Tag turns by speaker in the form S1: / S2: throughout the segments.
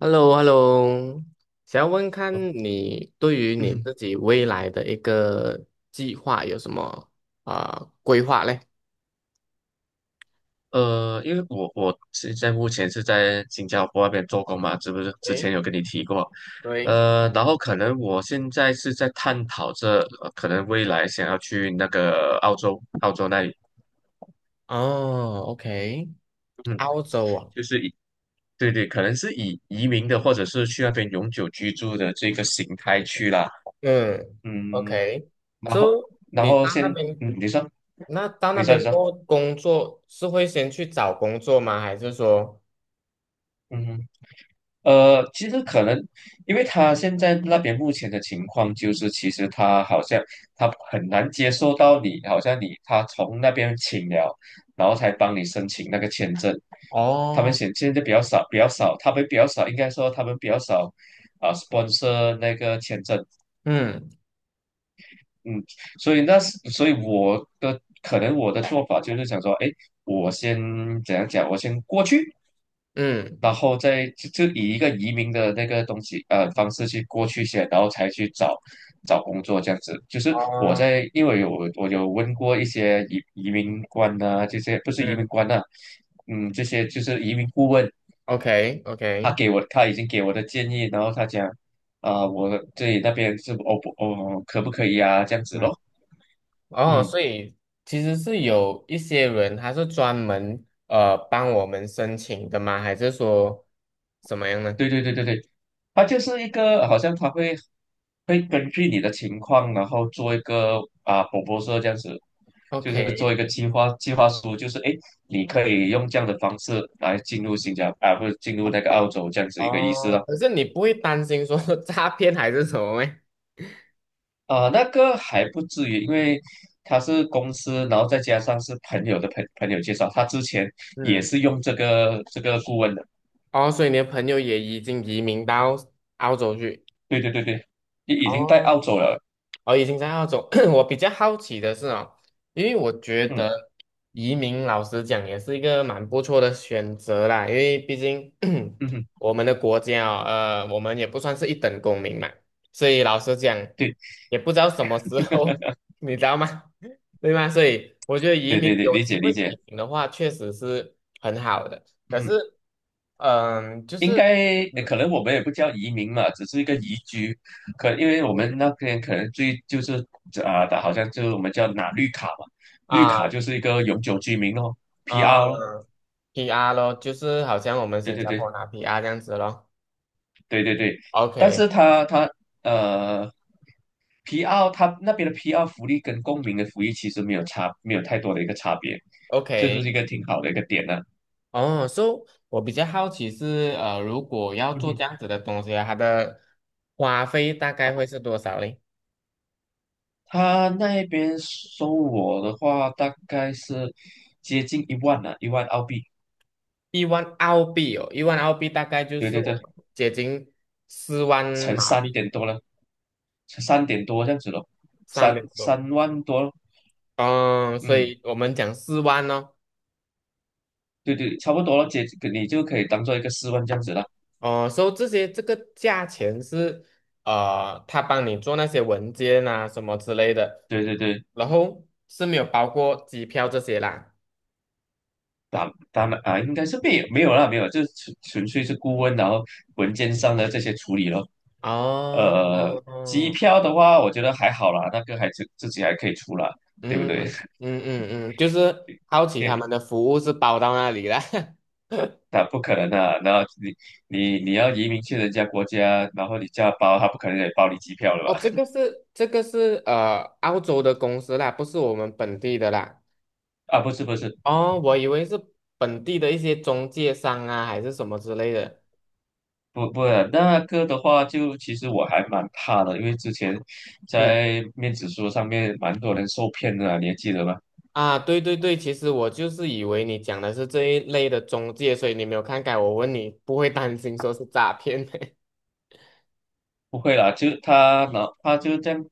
S1: h e l l o h e l l o 想要问看你对于你
S2: 嗯，
S1: 自己未来的一个计划有什么规划嘞？
S2: 因为我现在目前是在新加坡那边做工嘛，是不是？之
S1: 诶，
S2: 前有跟你提过。
S1: 对。
S2: 然后可能我现在是在探讨着，可能未来想要去那个澳洲，澳洲那里。
S1: 哦，OK。
S2: 嗯。
S1: 澳洲啊。
S2: 就是以对对，可能是以移民的或者是去那边永久居住的这个形态去啦。
S1: 嗯
S2: 嗯。然后
S1: ，OK，so， 你到那
S2: 先。
S1: 边，
S2: 嗯。
S1: 那到那
S2: 你
S1: 边
S2: 说。
S1: 过后工作是会先去找工作吗？还是说。
S2: 嗯。其实可能，因为他现在那边目前的情况就是，其实他好像，他很难接受到你，好像你他从那边请了，然后才帮你申请那个签证。他们
S1: 哦，
S2: 现在比较少，比较少，他们比较少，应该说他们比较少。Sponsor 那个签证。
S1: 嗯
S2: 嗯。所以可能我的做法就是想说，哎，我先怎样讲，我先过去，
S1: 嗯。
S2: 然后再以一个移民的那个方式去过去先，然后才去找找工作这样子。就是
S1: 哦，
S2: 因为我有问过一些移民官啊，这些不是移
S1: 嗯
S2: 民官啊。嗯。这些就是移民顾问。
S1: ，OK OK。
S2: 他已经给我的建议，然后他讲我这里那边是哦不哦可不可以啊这样子
S1: 嗯。
S2: 咯。
S1: 哦，
S2: 嗯。
S1: 所以其实是有一些人他是专门帮我们申请的吗？还是说怎么样呢
S2: 对对对对对，它就是一个好像它会根据你的情况，然后做一个P R 说这样子，就是
S1: ？OK。
S2: 做一个计划书，就是诶，你可以用这样的方式来进入新加坡啊，不是进入那个澳洲这样子一个意思
S1: 哦，
S2: 了。
S1: 可是你不会担心说 诈骗还是什么吗？
S2: 那个还不至于，因为他是公司，然后再加上是朋友的朋友介绍，他之前也
S1: 嗯。
S2: 是用这个顾问的。
S1: 哦，所以你的朋友也已经移民到澳洲去。
S2: 对对对对，你已经在
S1: 哦
S2: 澳洲了。
S1: 哦，已经在澳洲。我比较好奇的是哦，因为我觉得
S2: 嗯。
S1: 移民老实讲也是一个蛮不错的选择啦，因为毕竟
S2: 嗯 哼。
S1: 我们的国家哦，我们也不算是一等公民嘛，所以老实讲
S2: 对。
S1: 也不知道什么时候，你知道吗？对吗？所以我觉得移
S2: 对对
S1: 民
S2: 对，
S1: 有
S2: 理
S1: 机
S2: 解理
S1: 会
S2: 解。
S1: 移民的话，确实是很好的。可是，
S2: 嗯，
S1: 就
S2: 应
S1: 是
S2: 该
S1: 嗯，
S2: 可能我们也不叫移民嘛，只是一个移居。因为我们那边可能最就是啊、的好像就是我们叫拿绿卡嘛。绿卡
S1: 啊
S2: 就是一个永久居民咯
S1: 啊，呃
S2: ，PR。
S1: PR 咯，就是好像我们
S2: 对
S1: 新
S2: 对
S1: 加坡
S2: 对
S1: 拿 PR 这样子咯。
S2: 对对对。但
S1: OK
S2: 是他呃 PR， 他那边的 PR 福利跟公民的福利其实没有差，没有太多的一个差别。这就是
S1: OK。
S2: 一个挺好的一个点呢。
S1: 哦，so 我比较好奇是，如果要
S2: 嗯
S1: 做
S2: 哼。
S1: 这样子的东西啊，它的花费大概会是多少嘞？
S2: 他那边收我的话大概是接近一万啊，10000澳币。
S1: 一万澳币哦，一万澳币大概就
S2: 对
S1: 是
S2: 对对。
S1: 我们接近四万
S2: 乘
S1: 马
S2: 三
S1: 币，
S2: 点多了，乘三点多这样子咯，
S1: 三点多。
S2: 30000多咯。
S1: 嗯，所
S2: 嗯。
S1: 以我们讲四万哦。
S2: 对对，差不多了，姐，你就可以当做一个40000这样子了。
S1: 哦，所以这些这个价钱是他帮你做那些文件啊什么之类的，
S2: 对对对。
S1: 然后是没有包括机票这些啦。
S2: 打打满啊，应该是没有没有啦，没有，就是纯粹是顾问，然后文件上的这些处理咯。
S1: 哦。
S2: 呃，机
S1: 哦，
S2: 票的话，我觉得还好啦，那个还自己还可以出啦，对不
S1: 嗯
S2: 对？
S1: 就是好奇
S2: 因
S1: 他
S2: 为
S1: 们的服务是包到那里啦。
S2: 那不可能啊，然后你你要移民去人家国家，然后你叫他包，他不可能也包你机票了
S1: 哦，这
S2: 吧？
S1: 个是这个是澳洲的公司啦，不是我们本地的啦。
S2: 啊，不是不是。
S1: 哦，我以为是本地的一些中介商啊，还是什么之类的。
S2: 不不，那个的话就，其实我还蛮怕的，因为之前
S1: 嗯。
S2: 在面子书上面蛮多人受骗的啊你还记得吗？
S1: 啊，对对对，其实我就是以为你讲的是这一类的中介，所以你没有看改，我问你不会担心说是诈骗。
S2: 不会啦，就他，然后他就这样，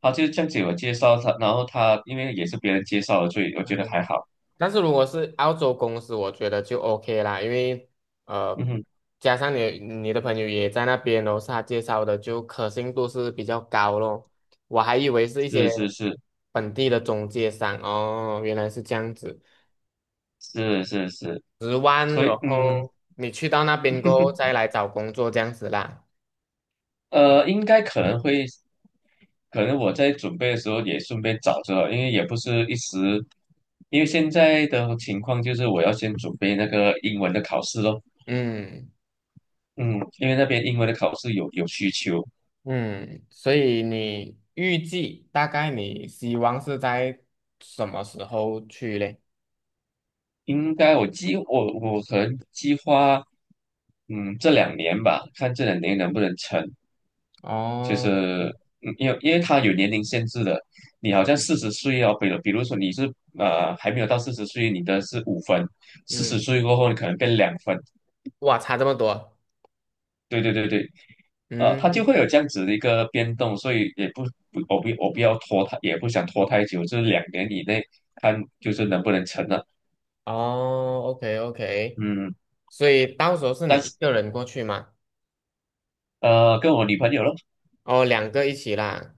S2: 他就这样子我介绍他，然后他因为也是别人介绍的，所以我觉得还
S1: 嗯
S2: 好。
S1: 但是如果是澳洲公司，我觉得就 OK 啦，因为
S2: 嗯
S1: 呃，
S2: 哼。
S1: 加上你的朋友也在那边，然后是他介绍的，就可信度是比较高咯。我还以为是一
S2: 是
S1: 些
S2: 是是，
S1: 本地的中介商哦，原来是这样子，
S2: 是是是。
S1: 100,000，
S2: 所
S1: 然
S2: 以。嗯。
S1: 后你去到那边过后再来找工作这样子啦。
S2: 应该可能会，可能我在准备的时候也顺便找着，因为也不是一时，因为现在的情况就是我要先准备那个英文的考试咯。
S1: 嗯。
S2: 嗯，因为那边英文的考试有需求。
S1: 嗯，所以你预计大概你希望是在什么时候去嘞？
S2: 应该我计我可能计划。嗯，这两年吧，看这两年能不能成。就
S1: 哦，
S2: 是因为他有年龄限制的，你好像四十岁哦，比如说你是还没有到四十岁，你的是5分，四十
S1: 嗯，
S2: 岁过后你可能变2分。
S1: 哇，差这么多。
S2: 对对对对。呃，它就
S1: 嗯。
S2: 会有这样子的一个变动，所以也不不我不我不要拖太，也不想拖太久，就是2年以内看就是能不能成了。
S1: 哦，OK OK。
S2: 嗯。
S1: 所以到时候是你
S2: 但
S1: 一
S2: 是
S1: 个人过去吗？
S2: 跟我女朋友咯。
S1: 哦，两个一起啦。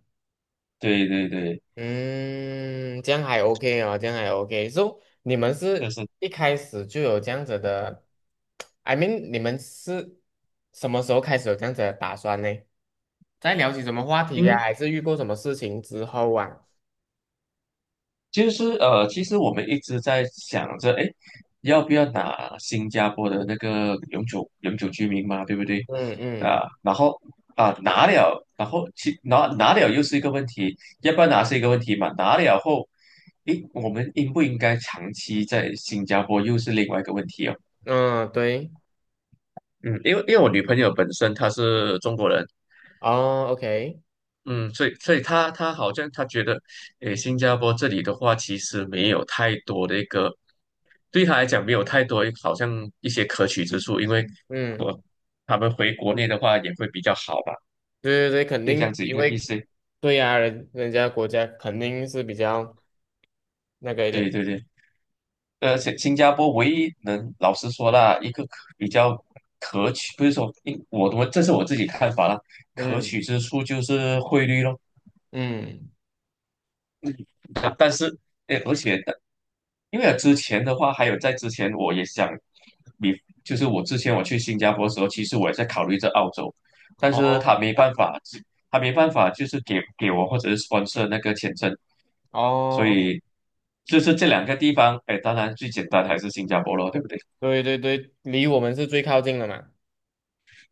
S2: 对对对。
S1: 嗯，这样还 OK 哦，这样还 OK。So 你们
S2: 就
S1: 是
S2: 是
S1: 一开始就有这样子的 ，I mean，你们是什么时候开始有这样子的打算呢？在聊起什么话题呀、
S2: 因
S1: 还是遇过什么事情之后啊？
S2: 就是其实我们一直在想着，哎，要不要拿新加坡的那个永久居民嘛，对不对？
S1: 嗯嗯
S2: 啊，然后拿了，然后拿了又是一个问题，要不要拿是一个问题嘛？拿了后，诶，我们应不应该长期在新加坡又是另外一个问题哦。
S1: 嗯，对。
S2: 嗯，因为我女朋友本身她是中国人。
S1: 哦，OK。
S2: 嗯，所以他好像他觉得，诶，新加坡这里的话，其实没有太多的一个，对他来讲没有太多好像一些可取之处。因为
S1: 嗯，
S2: 我他们回国内的话也会比较好吧，
S1: 对对对，肯
S2: 就这样
S1: 定
S2: 子一
S1: 机
S2: 个意
S1: 会。
S2: 思。
S1: 对呀、人家国家肯定是比较那个一
S2: 对
S1: 点。
S2: 对对。而且新加坡唯一能老实说啦，一个可比较可取，不是说，因我这是我自己看法啦，可
S1: 嗯
S2: 取之处就是汇率咯。
S1: 嗯。
S2: 但是诶，而且因为之前的话，还有在之前，我也想，比就是我之前我去新加坡的时候，其实我也在考虑这澳洲，但是
S1: 哦
S2: 他没办法，他没办法，就是给我或者是 sponsor 那个签证。所
S1: 哦，
S2: 以就是这两个地方，哎，当然最简单还是新加坡咯，对不对？
S1: 对对对，离我们是最靠近的嘛。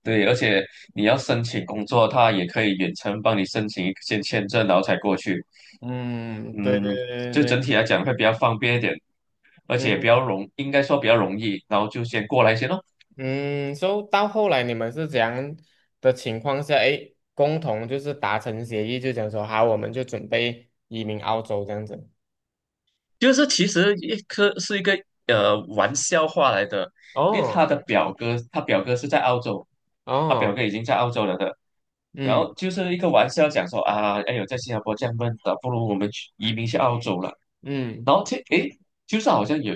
S2: 对，而且你要申请工作，他也可以远程帮你申请一些签证，然后才过去。
S1: 嗯，对
S2: 嗯，
S1: 对对对
S2: 就
S1: 对。
S2: 整体来讲会比较方便一点，而且
S1: 嗯。
S2: 比较容，应该说比较容易，然后就先过来先咯。
S1: 嗯，所以到后来你们是怎样的情况下，诶，共同就是达成协议，就讲说好，我们就准备移民澳洲这样子。
S2: 就是其实一颗是一个玩笑话来的，因为他
S1: 哦。
S2: 的表哥，他表哥是在澳洲，他表
S1: 哦，
S2: 哥已经在澳洲了的，然
S1: 嗯
S2: 后就是一个玩笑讲说啊，哎呦，在新加坡这样闷的，不如我们去移民去澳洲了。
S1: 嗯，
S2: 然后这诶，就是好像有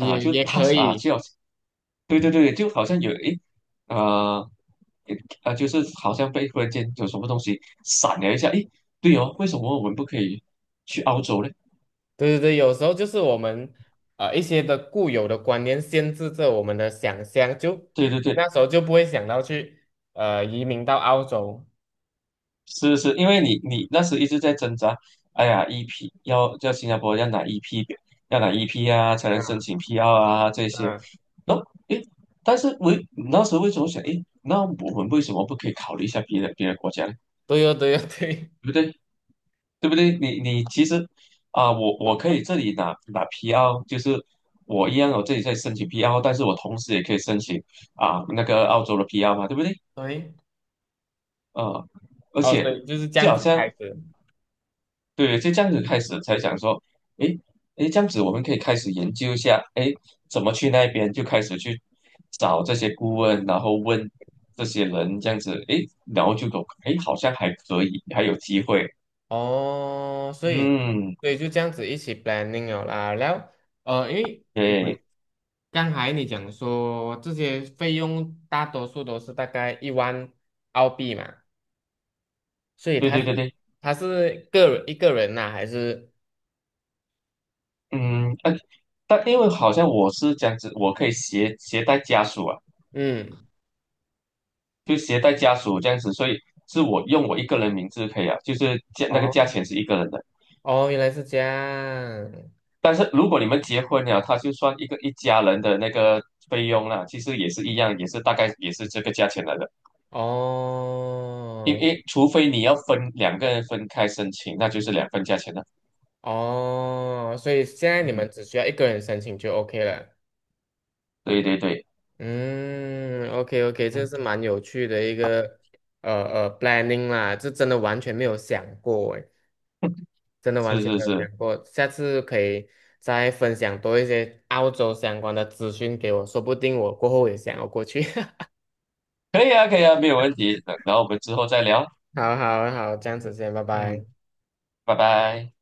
S2: 啊，
S1: 也
S2: 就
S1: 也
S2: 他 a
S1: 可
S2: s 啊，
S1: 以。
S2: 就对对对，就好像有诶。啊呃，就是好像被忽然间有什么东西闪了一下，诶，对哦，为什么我们不可以去澳洲呢？
S1: 对对对，有时候就是我们一些的固有的观念限制着我们的想象，就
S2: 对对对，
S1: 那时候就不会想到去移民到澳洲。
S2: 是是。因为你那时一直在挣扎，哎呀，EP 要在新加坡要拿 EP,要拿 EP 啊，才能申
S1: 嗯
S2: 请 PR 啊这些。
S1: 嗯，
S2: 然后诶，但是为那时候为什么想，诶，那我们为什么不可以考虑一下别的国家呢？
S1: 对哦对哦对
S2: 对不对？对不对？你其实我可以这里拿 PR,就是我一样，我这里在申请 PR,但是我同时也可以申请那个澳洲的 PR 嘛，对不对？
S1: 对。
S2: 啊、而
S1: 哦，所
S2: 且
S1: 以就是这
S2: 就
S1: 样
S2: 好
S1: 子
S2: 像
S1: 开始。
S2: 对，就这样子开始才想说，诶诶，这样子我们可以开始研究一下，诶，怎么去那边就开始去找这些顾问，然后问这些人这样子，诶，然后就懂，诶，好像还可以，还有机会。
S1: 哦，所以，
S2: 嗯，
S1: 所以就这样子一起 planning 了啦。然后，因为我
S2: 对。
S1: 刚才你讲说这些费用大多数都是大概一万澳币嘛，所以
S2: 对
S1: 他
S2: 对
S1: 是
S2: 对对。
S1: 他是一个人呐、还是？
S2: 嗯。呃，因为好像我是这样子，我可以携带家属啊，
S1: 嗯。
S2: 就携带家属这样子，所以是我用我一个人名字可以啊，就是那个价
S1: 哦
S2: 钱是一个人的。
S1: 哦，原来是这样。
S2: 但是如果你们结婚了，他就算一个一家人的那个费用啦，其实也是一样，也是大概也是这个价钱来的。因
S1: 哦
S2: 为除非你要分两个人分开申请，那就是两份价钱了。
S1: 哦，所以现在
S2: 嗯
S1: 你
S2: 哼。
S1: 们只需要一个人申请就 OK 了。
S2: 对对对。
S1: 嗯，OK OK。这
S2: 嗯。
S1: 是蛮有趣的一个呃planning 啦，这真的完全没有想过诶，真 的完
S2: 是
S1: 全
S2: 是
S1: 没有想
S2: 是，
S1: 过，下次可以再分享多一些澳洲相关的资讯给我，说不定我过后也想要过去。
S2: 可以啊可以啊，没有问题。然后我们之后再聊。
S1: 好好好，这样子先，拜拜。
S2: 嗯，拜拜。